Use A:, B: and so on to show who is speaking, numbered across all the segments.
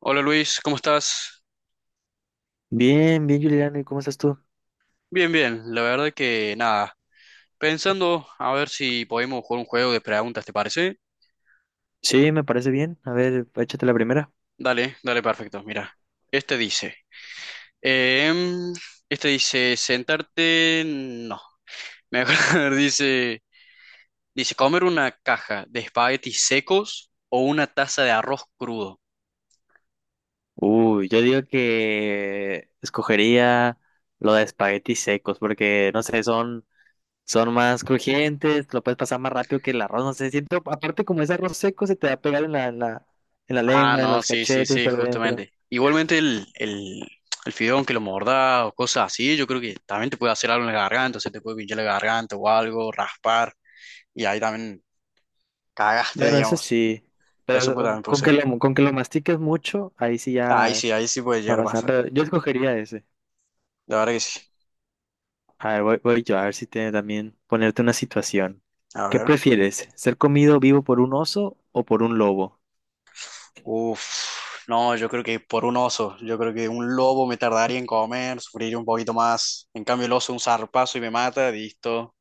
A: Hola Luis, ¿cómo estás?
B: Bien, bien, Juliana, ¿y cómo estás tú?
A: Bien, bien, la verdad que nada. Pensando a ver si podemos jugar un juego de preguntas, ¿te parece?
B: Sí, me parece bien. A ver, échate la primera.
A: Dale, dale, perfecto. Mira, este dice, em, este dice sentarte, no, mejor dice comer una caja de espaguetis secos o una taza de arroz crudo.
B: Uy, yo digo que escogería lo de espaguetis secos, porque no sé, son más crujientes, lo puedes pasar más rápido que el arroz, no sé, siento, aparte como es arroz seco, se te va a pegar en la
A: Ah,
B: lengua, en
A: no,
B: los
A: sí, sí,
B: cachetes,
A: sí,
B: por dentro.
A: justamente. Igualmente el fideo, aunque lo mordás o cosas así, yo creo que también te puede hacer algo en la garganta, o sea, te puede pinchar la garganta o algo, raspar, y ahí también cagaste,
B: Bueno, eso
A: digamos.
B: sí,
A: Eso puede,
B: pero
A: también puede
B: con que
A: ser.
B: lo, con que lo mastiques mucho, ahí sí ya
A: Ahí sí puede
B: va a
A: llegar a
B: pasar.
A: pasar.
B: Pero yo escogería ese.
A: La verdad que sí.
B: A ver, voy yo a ver si te también ponerte una situación.
A: A
B: ¿Qué
A: ver.
B: prefieres? ¿Ser comido vivo por un oso o por un lobo?
A: Uf, no, yo creo que por un oso, yo creo que un lobo me tardaría en comer, sufriría un poquito más. En cambio el oso un zarpazo y me mata, listo,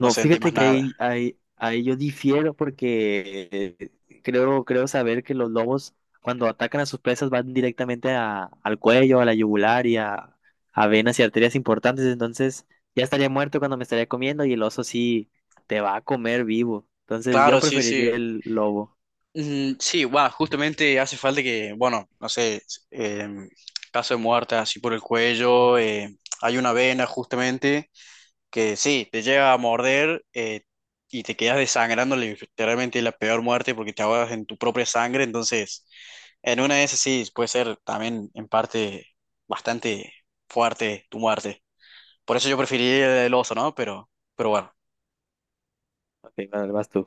A: no sentí más
B: fíjate que
A: nada.
B: ahí yo difiero porque creo saber que los lobos cuando atacan a sus presas van directamente al cuello, a la yugular y a venas y arterias importantes. Entonces ya estaría muerto cuando me estaría comiendo y el oso sí te va a comer vivo. Entonces yo
A: Claro, sí,
B: preferiría
A: sí.
B: el lobo.
A: Mm, sí, bueno, justamente hace falta que, bueno, no sé, eh, caso de muerte así por el cuello, hay una vena justamente que sí, te llega a morder y te quedas desangrando, literalmente la peor muerte porque te ahogas en tu propia sangre, entonces en una de esas sí puede ser también en parte bastante fuerte tu muerte. Por eso yo preferiría el oso, ¿no? Pero bueno.
B: Ok, vale, vas tú.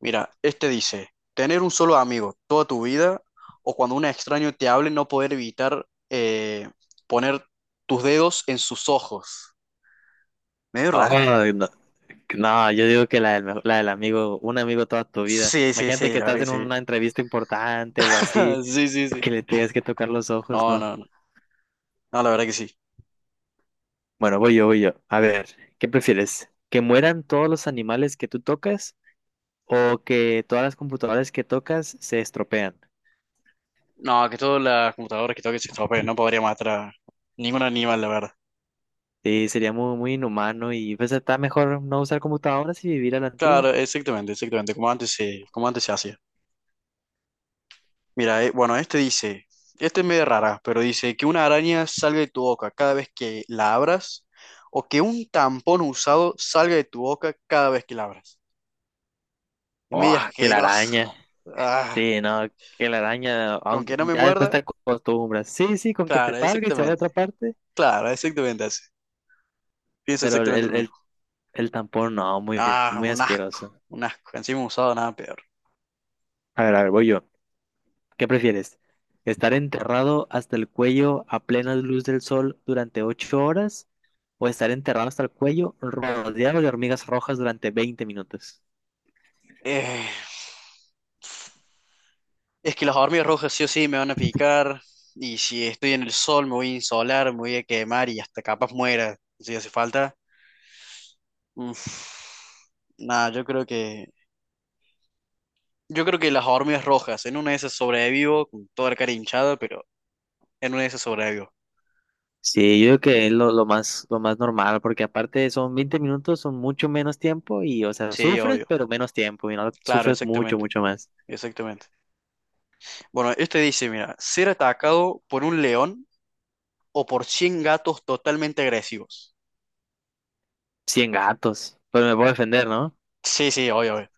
A: Mira, este dice, tener un solo amigo toda tu vida o cuando un extraño te hable no poder evitar poner tus dedos en sus ojos. Medio
B: Ah,
A: rara.
B: no. No, yo digo que la del amigo, un amigo toda tu vida.
A: Sí, sí,
B: Imagínate
A: sí,
B: que
A: la verdad
B: estás
A: que
B: en
A: sí.
B: una entrevista importante o así,
A: Sí, sí, sí.
B: que le tengas que tocar los ojos,
A: No,
B: ¿no?
A: no, no. No, la verdad que sí.
B: Bueno, voy yo, voy yo. A ver, ¿qué prefieres? ¿Que mueran todos los animales que tú tocas o que todas las computadoras que tocas se estropean?
A: No, que todas las computadoras que toquen se estropeen. No podría matar a ningún animal, la verdad.
B: Sí, sería muy, muy inhumano y pues está mejor no usar computadoras y vivir a la antigua.
A: Claro, exactamente, exactamente. Como antes se hacía. Mira, bueno, este dice, este es medio rara, pero dice que una araña salga de tu boca cada vez que la abras o que un tampón usado salga de tu boca cada vez que la abras. Es
B: Oh,
A: medio
B: que la
A: asqueroso.
B: araña.
A: Ah,
B: Sí, no, que la araña,
A: con
B: aunque
A: que no me
B: ya después
A: muerda,
B: te acostumbras. Sí, sí, con que se
A: claro,
B: salga y se vaya a
A: exactamente.
B: otra parte.
A: Claro, exactamente así. Pienso
B: Pero
A: exactamente lo
B: el,
A: mismo.
B: el El tampón, no, muy,
A: Ah,
B: muy
A: un asco,
B: asqueroso.
A: un asco. Encima usado nada peor.
B: A ver, voy yo. ¿Qué prefieres? ¿Estar enterrado hasta el cuello a plena luz del sol durante 8 horas? ¿O estar enterrado hasta el cuello rodeado de hormigas rojas durante 20 minutos?
A: Eh, es que las hormigas rojas sí o sí me van a picar. Y si estoy en el sol, me voy a insolar, me voy a quemar y hasta capaz muera si hace falta. Nada, yo creo que. Yo creo que las hormigas rojas. En una de esas sobrevivo con toda la cara hinchada, pero en una de esas sobrevivo.
B: Sí, yo creo que es lo más normal, porque aparte son 20 minutos, son mucho menos tiempo y, o sea,
A: Sí,
B: sufres,
A: obvio.
B: pero menos tiempo y no
A: Claro,
B: sufres mucho,
A: exactamente.
B: mucho más.
A: Exactamente. Bueno, este dice, mira, ser atacado por un león o por 100 gatos totalmente agresivos.
B: 100 gatos, pero me puedo defender, ¿no?
A: Sí, sí, obvio, obvio.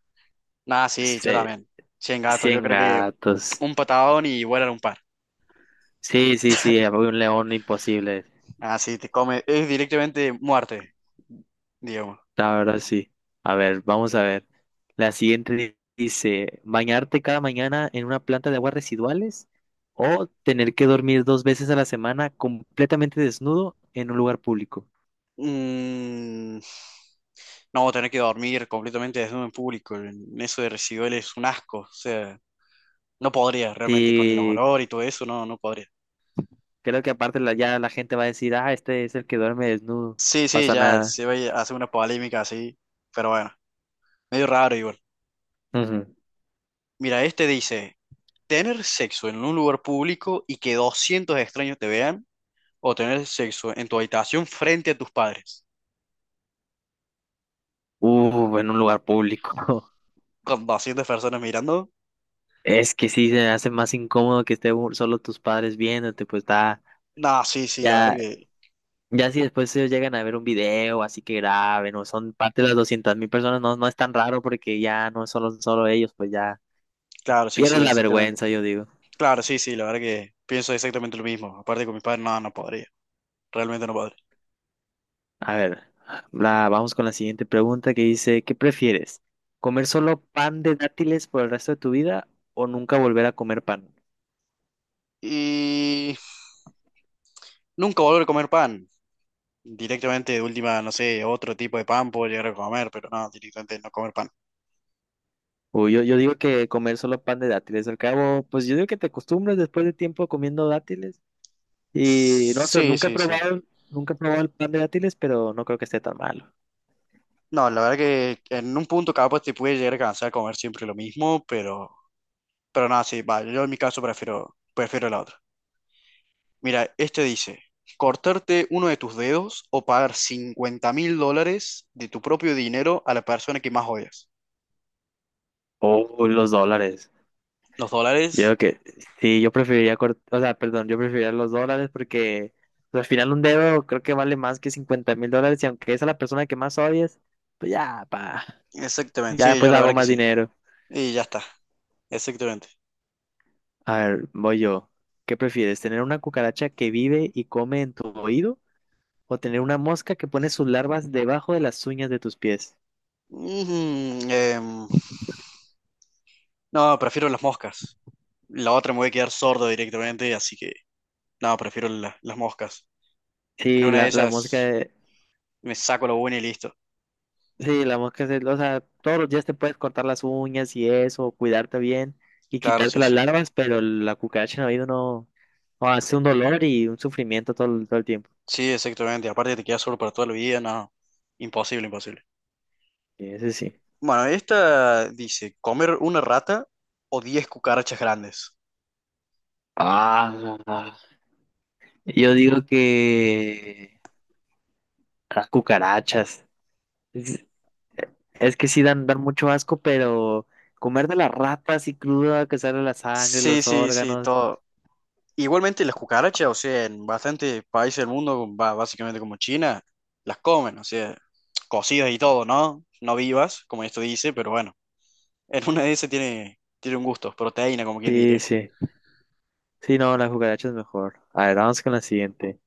A: Nada, sí, yo
B: Sí,
A: también. 100 gatos, yo
B: 100
A: creo que
B: gatos.
A: un patadón y vuelan un par.
B: Sí, sí, sí, había un león imposible.
A: Ah, sí, te come. Es directamente muerte, digamos.
B: La verdad, sí. A ver, vamos a ver. La siguiente dice, ¿bañarte cada mañana en una planta de aguas residuales o tener que dormir 2 veces a la semana completamente desnudo en un lugar público?
A: Mm, No, tener que dormir completamente desnudo en público, en eso de residual es un asco, o sea, no podría realmente con el
B: Y
A: olor y todo eso, no, no podría.
B: creo que aparte ya la gente va a decir, ah, este es el que duerme desnudo, no
A: Sí, sí,
B: pasa
A: ya
B: nada.
A: se va a hacer una polémica así, pero bueno, medio raro igual.
B: Ujú.
A: Mira, este dice, tener sexo en un lugar público y que 200 extraños te vean, o tener sexo en tu habitación frente a tus padres,
B: En un lugar público.
A: con 200 personas mirando.
B: Es que sí, se hace más incómodo que esté solo tus padres viéndote, pues está...
A: No, sí, sí, la verdad
B: Ya,
A: que,
B: ya si después ellos llegan a ver un video, así que graben, o son parte de las 200.000 personas, no, no es tan raro porque ya no son solo ellos, pues ya
A: claro, sí,
B: pierdes
A: sí,
B: la
A: exactamente.
B: vergüenza, yo digo.
A: Claro, sí, sí, la verdad que pienso exactamente lo mismo, aparte con mis padres, no, no podría. Realmente no podré.
B: A ver, vamos con la siguiente pregunta que dice, ¿qué prefieres? ¿Comer solo pan de dátiles por el resto de tu vida o nunca volver a comer pan?
A: Y nunca volver a comer pan. Directamente, de última, no sé, otro tipo de pan puedo llegar a comer, pero no, directamente no comer pan.
B: Uy, yo digo que comer solo pan de dátiles, al cabo, pues yo digo que te acostumbras después de tiempo comiendo dátiles y no sé,
A: Sí,
B: nunca he
A: sí, sí.
B: probado, nunca he probado el pan de dátiles, pero no creo que esté tan malo.
A: No, la verdad que en un punto capaz te puede llegar a cansar comer siempre lo mismo, pero nada, sí, va, yo en mi caso prefiero, prefiero la otra. Mira, este dice, cortarte uno de tus dedos o pagar 50.000 dólares de tu propio dinero a la persona que más odias.
B: Oh, los dólares.
A: Los dólares,
B: Yo creo que sí, o sea, perdón, yo preferiría los dólares porque pues, al final un dedo creo que vale más que $50.000 y aunque es a la persona que más odies, pues ya, pa,
A: exactamente,
B: ya
A: sí, yo
B: después
A: la
B: hago
A: verdad que
B: más
A: sí.
B: dinero.
A: Y ya está. Exactamente.
B: A ver, voy yo. ¿Qué prefieres? ¿Tener una cucaracha que vive y come en tu oído o tener una mosca que pone sus larvas debajo de las uñas de tus pies?
A: Mm, em, no, prefiero las moscas. La otra me voy a quedar sordo directamente, así que no, prefiero las moscas. En
B: Sí,
A: una de
B: la mosca.
A: ellas me saco lo bueno y listo.
B: Sí, la mosca es, o sea, todos los días te puedes cortar las uñas y eso, cuidarte bien y
A: Claro,
B: quitarte
A: sí,
B: las
A: sí.
B: larvas, pero la cucaracha en el oído no, no, hace un dolor y un sufrimiento todo, todo el tiempo.
A: Sí, exactamente. Aparte te quedas sordo para toda la vida, no. Imposible, imposible.
B: Ese sí.
A: Bueno, esta dice, comer una rata o 10 cucarachas grandes.
B: Ah, yo digo que las cucarachas. Es, es que sí dan mucho asco, pero comer de las ratas y cruda, que sale la sangre,
A: Sí,
B: los
A: sí, sí,
B: órganos.
A: todo. Igualmente las cucarachas, o sea, en bastantes países del mundo, básicamente como China, las comen, o sea, cocidas y todo, ¿no? No vivas, como esto dice, pero bueno, en una de esas tiene, tiene un gusto, proteína, como quien
B: Sí,
A: diría.
B: sí. Sí, no, las cucarachas es mejor. A ver, vamos con la siguiente.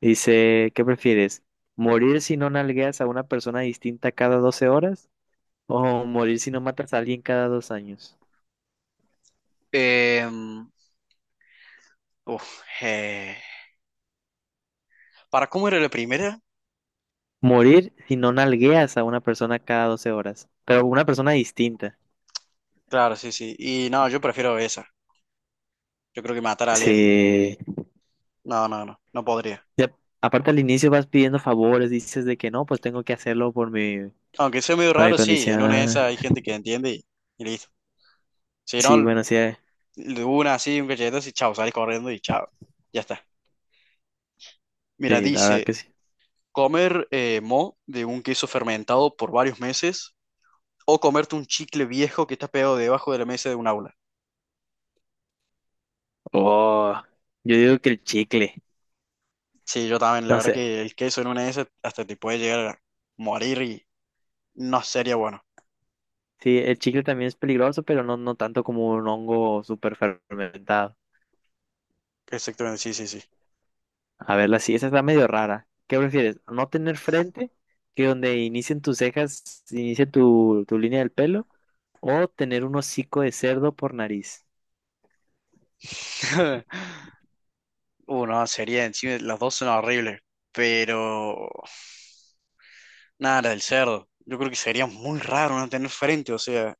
B: Dice, ¿qué prefieres? ¿Morir si no nalgueas a una persona distinta cada 12 horas? ¿O morir si no matas a alguien cada 2 años?
A: Em, uf, eh, ¿Para cómo era la primera?
B: Morir si no nalgueas a una persona cada 12 horas, pero una persona distinta.
A: Claro, sí, sí. Y no, yo prefiero esa. Yo creo que matar a alguien,
B: Sí.
A: no, no, no, no podría.
B: Y aparte al inicio vas pidiendo favores, dices de que no, pues tengo que hacerlo por mi,
A: Aunque sea medio
B: por mi
A: raro, sí, en una de
B: condición.
A: esas hay gente que entiende y listo. Si
B: Sí,
A: no,
B: bueno, sí,
A: de una así, un cachetazo y chao, salís corriendo y chao, ya está. Mira,
B: sí, la verdad
A: dice,
B: que sí.
A: comer mo de un queso fermentado por varios meses o comerte un chicle viejo que está pegado debajo de la mesa de un aula.
B: Oh, yo digo que el chicle.
A: Sí, yo también, la
B: No
A: verdad
B: sé,
A: que el queso en una de esas hasta te puede llegar a morir y no sería bueno.
B: sí, el chicle también es peligroso, pero no, no tanto como un hongo súper fermentado.
A: Exactamente, sí, sí, sí.
B: A verla, sí, esa está medio rara. ¿Qué prefieres? ¿No tener frente, que donde inicien tus cejas, inicie tu línea del pelo? ¿O tener un hocico de cerdo por nariz?
A: Uno, sería encima, las dos son horribles, pero nada, la del cerdo. Yo creo que sería muy raro no tener frente, o sea,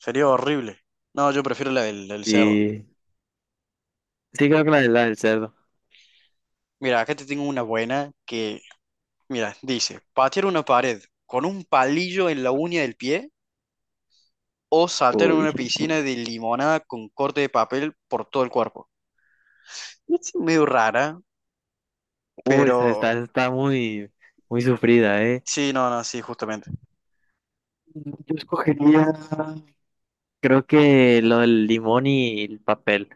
A: sería horrible. No, yo prefiero la del cerdo.
B: Sí, sí creo que la del cerdo.
A: Mira, acá te tengo una buena que. Mira, dice, patear una pared con un palillo en la uña del pie o saltar en
B: Uy,
A: una piscina de limonada con corte de papel por todo el cuerpo. Es medio rara,
B: uy, está,
A: pero
B: está, está muy, muy sufrida, ¿eh?
A: sí, no, no, sí, justamente.
B: Yo escogería, creo que lo del limón y el papel.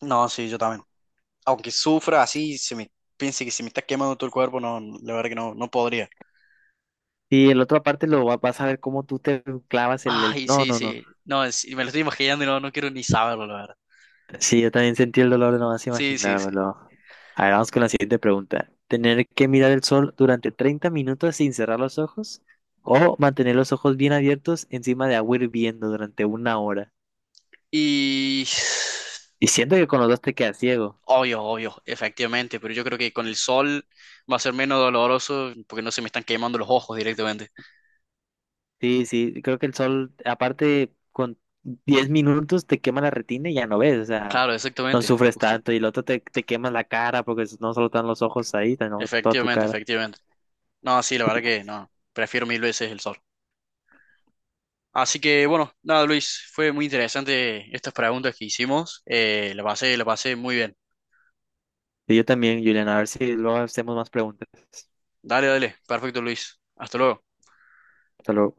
A: No, sí, yo también. Aunque sufra así, se me piense que se me está quemando todo el cuerpo, no, la verdad que no, no podría.
B: Y el otro aparte vas a ver cómo tú te clavas.
A: Ay,
B: No,
A: sí,
B: no, no.
A: sí. No, me lo estoy imaginando y no, no quiero ni saberlo, la verdad.
B: Sí, yo también sentí el dolor de nomás
A: Sí, sí, sí.
B: imaginármelo. A ver, vamos con la siguiente pregunta. ¿Tener que mirar el sol durante 30 minutos sin cerrar los ojos o mantener los ojos bien abiertos encima de agua hirviendo durante una hora?
A: Y
B: Y siento que con los dos te quedas ciego.
A: obvio, obvio, efectivamente, pero yo creo que con el sol va a ser menos doloroso porque no se me están quemando los ojos directamente.
B: Sí, sí, creo que el sol, aparte, con 10 minutos te quema la retina y ya no ves, o sea,
A: Claro,
B: no
A: exactamente,
B: sufres
A: justo.
B: tanto. Y el otro te quema la cara porque no solo están los ojos ahí, también toda tu
A: Efectivamente,
B: cara.
A: efectivamente. No, sí, la verdad que no, prefiero mil veces el sol. Así que bueno, nada, Luis, fue muy interesante estas preguntas que hicimos. La pasé muy bien.
B: Y yo también, Juliana, a ver si luego hacemos más preguntas.
A: Dale, dale, perfecto, Luis. Hasta luego.
B: Hasta luego.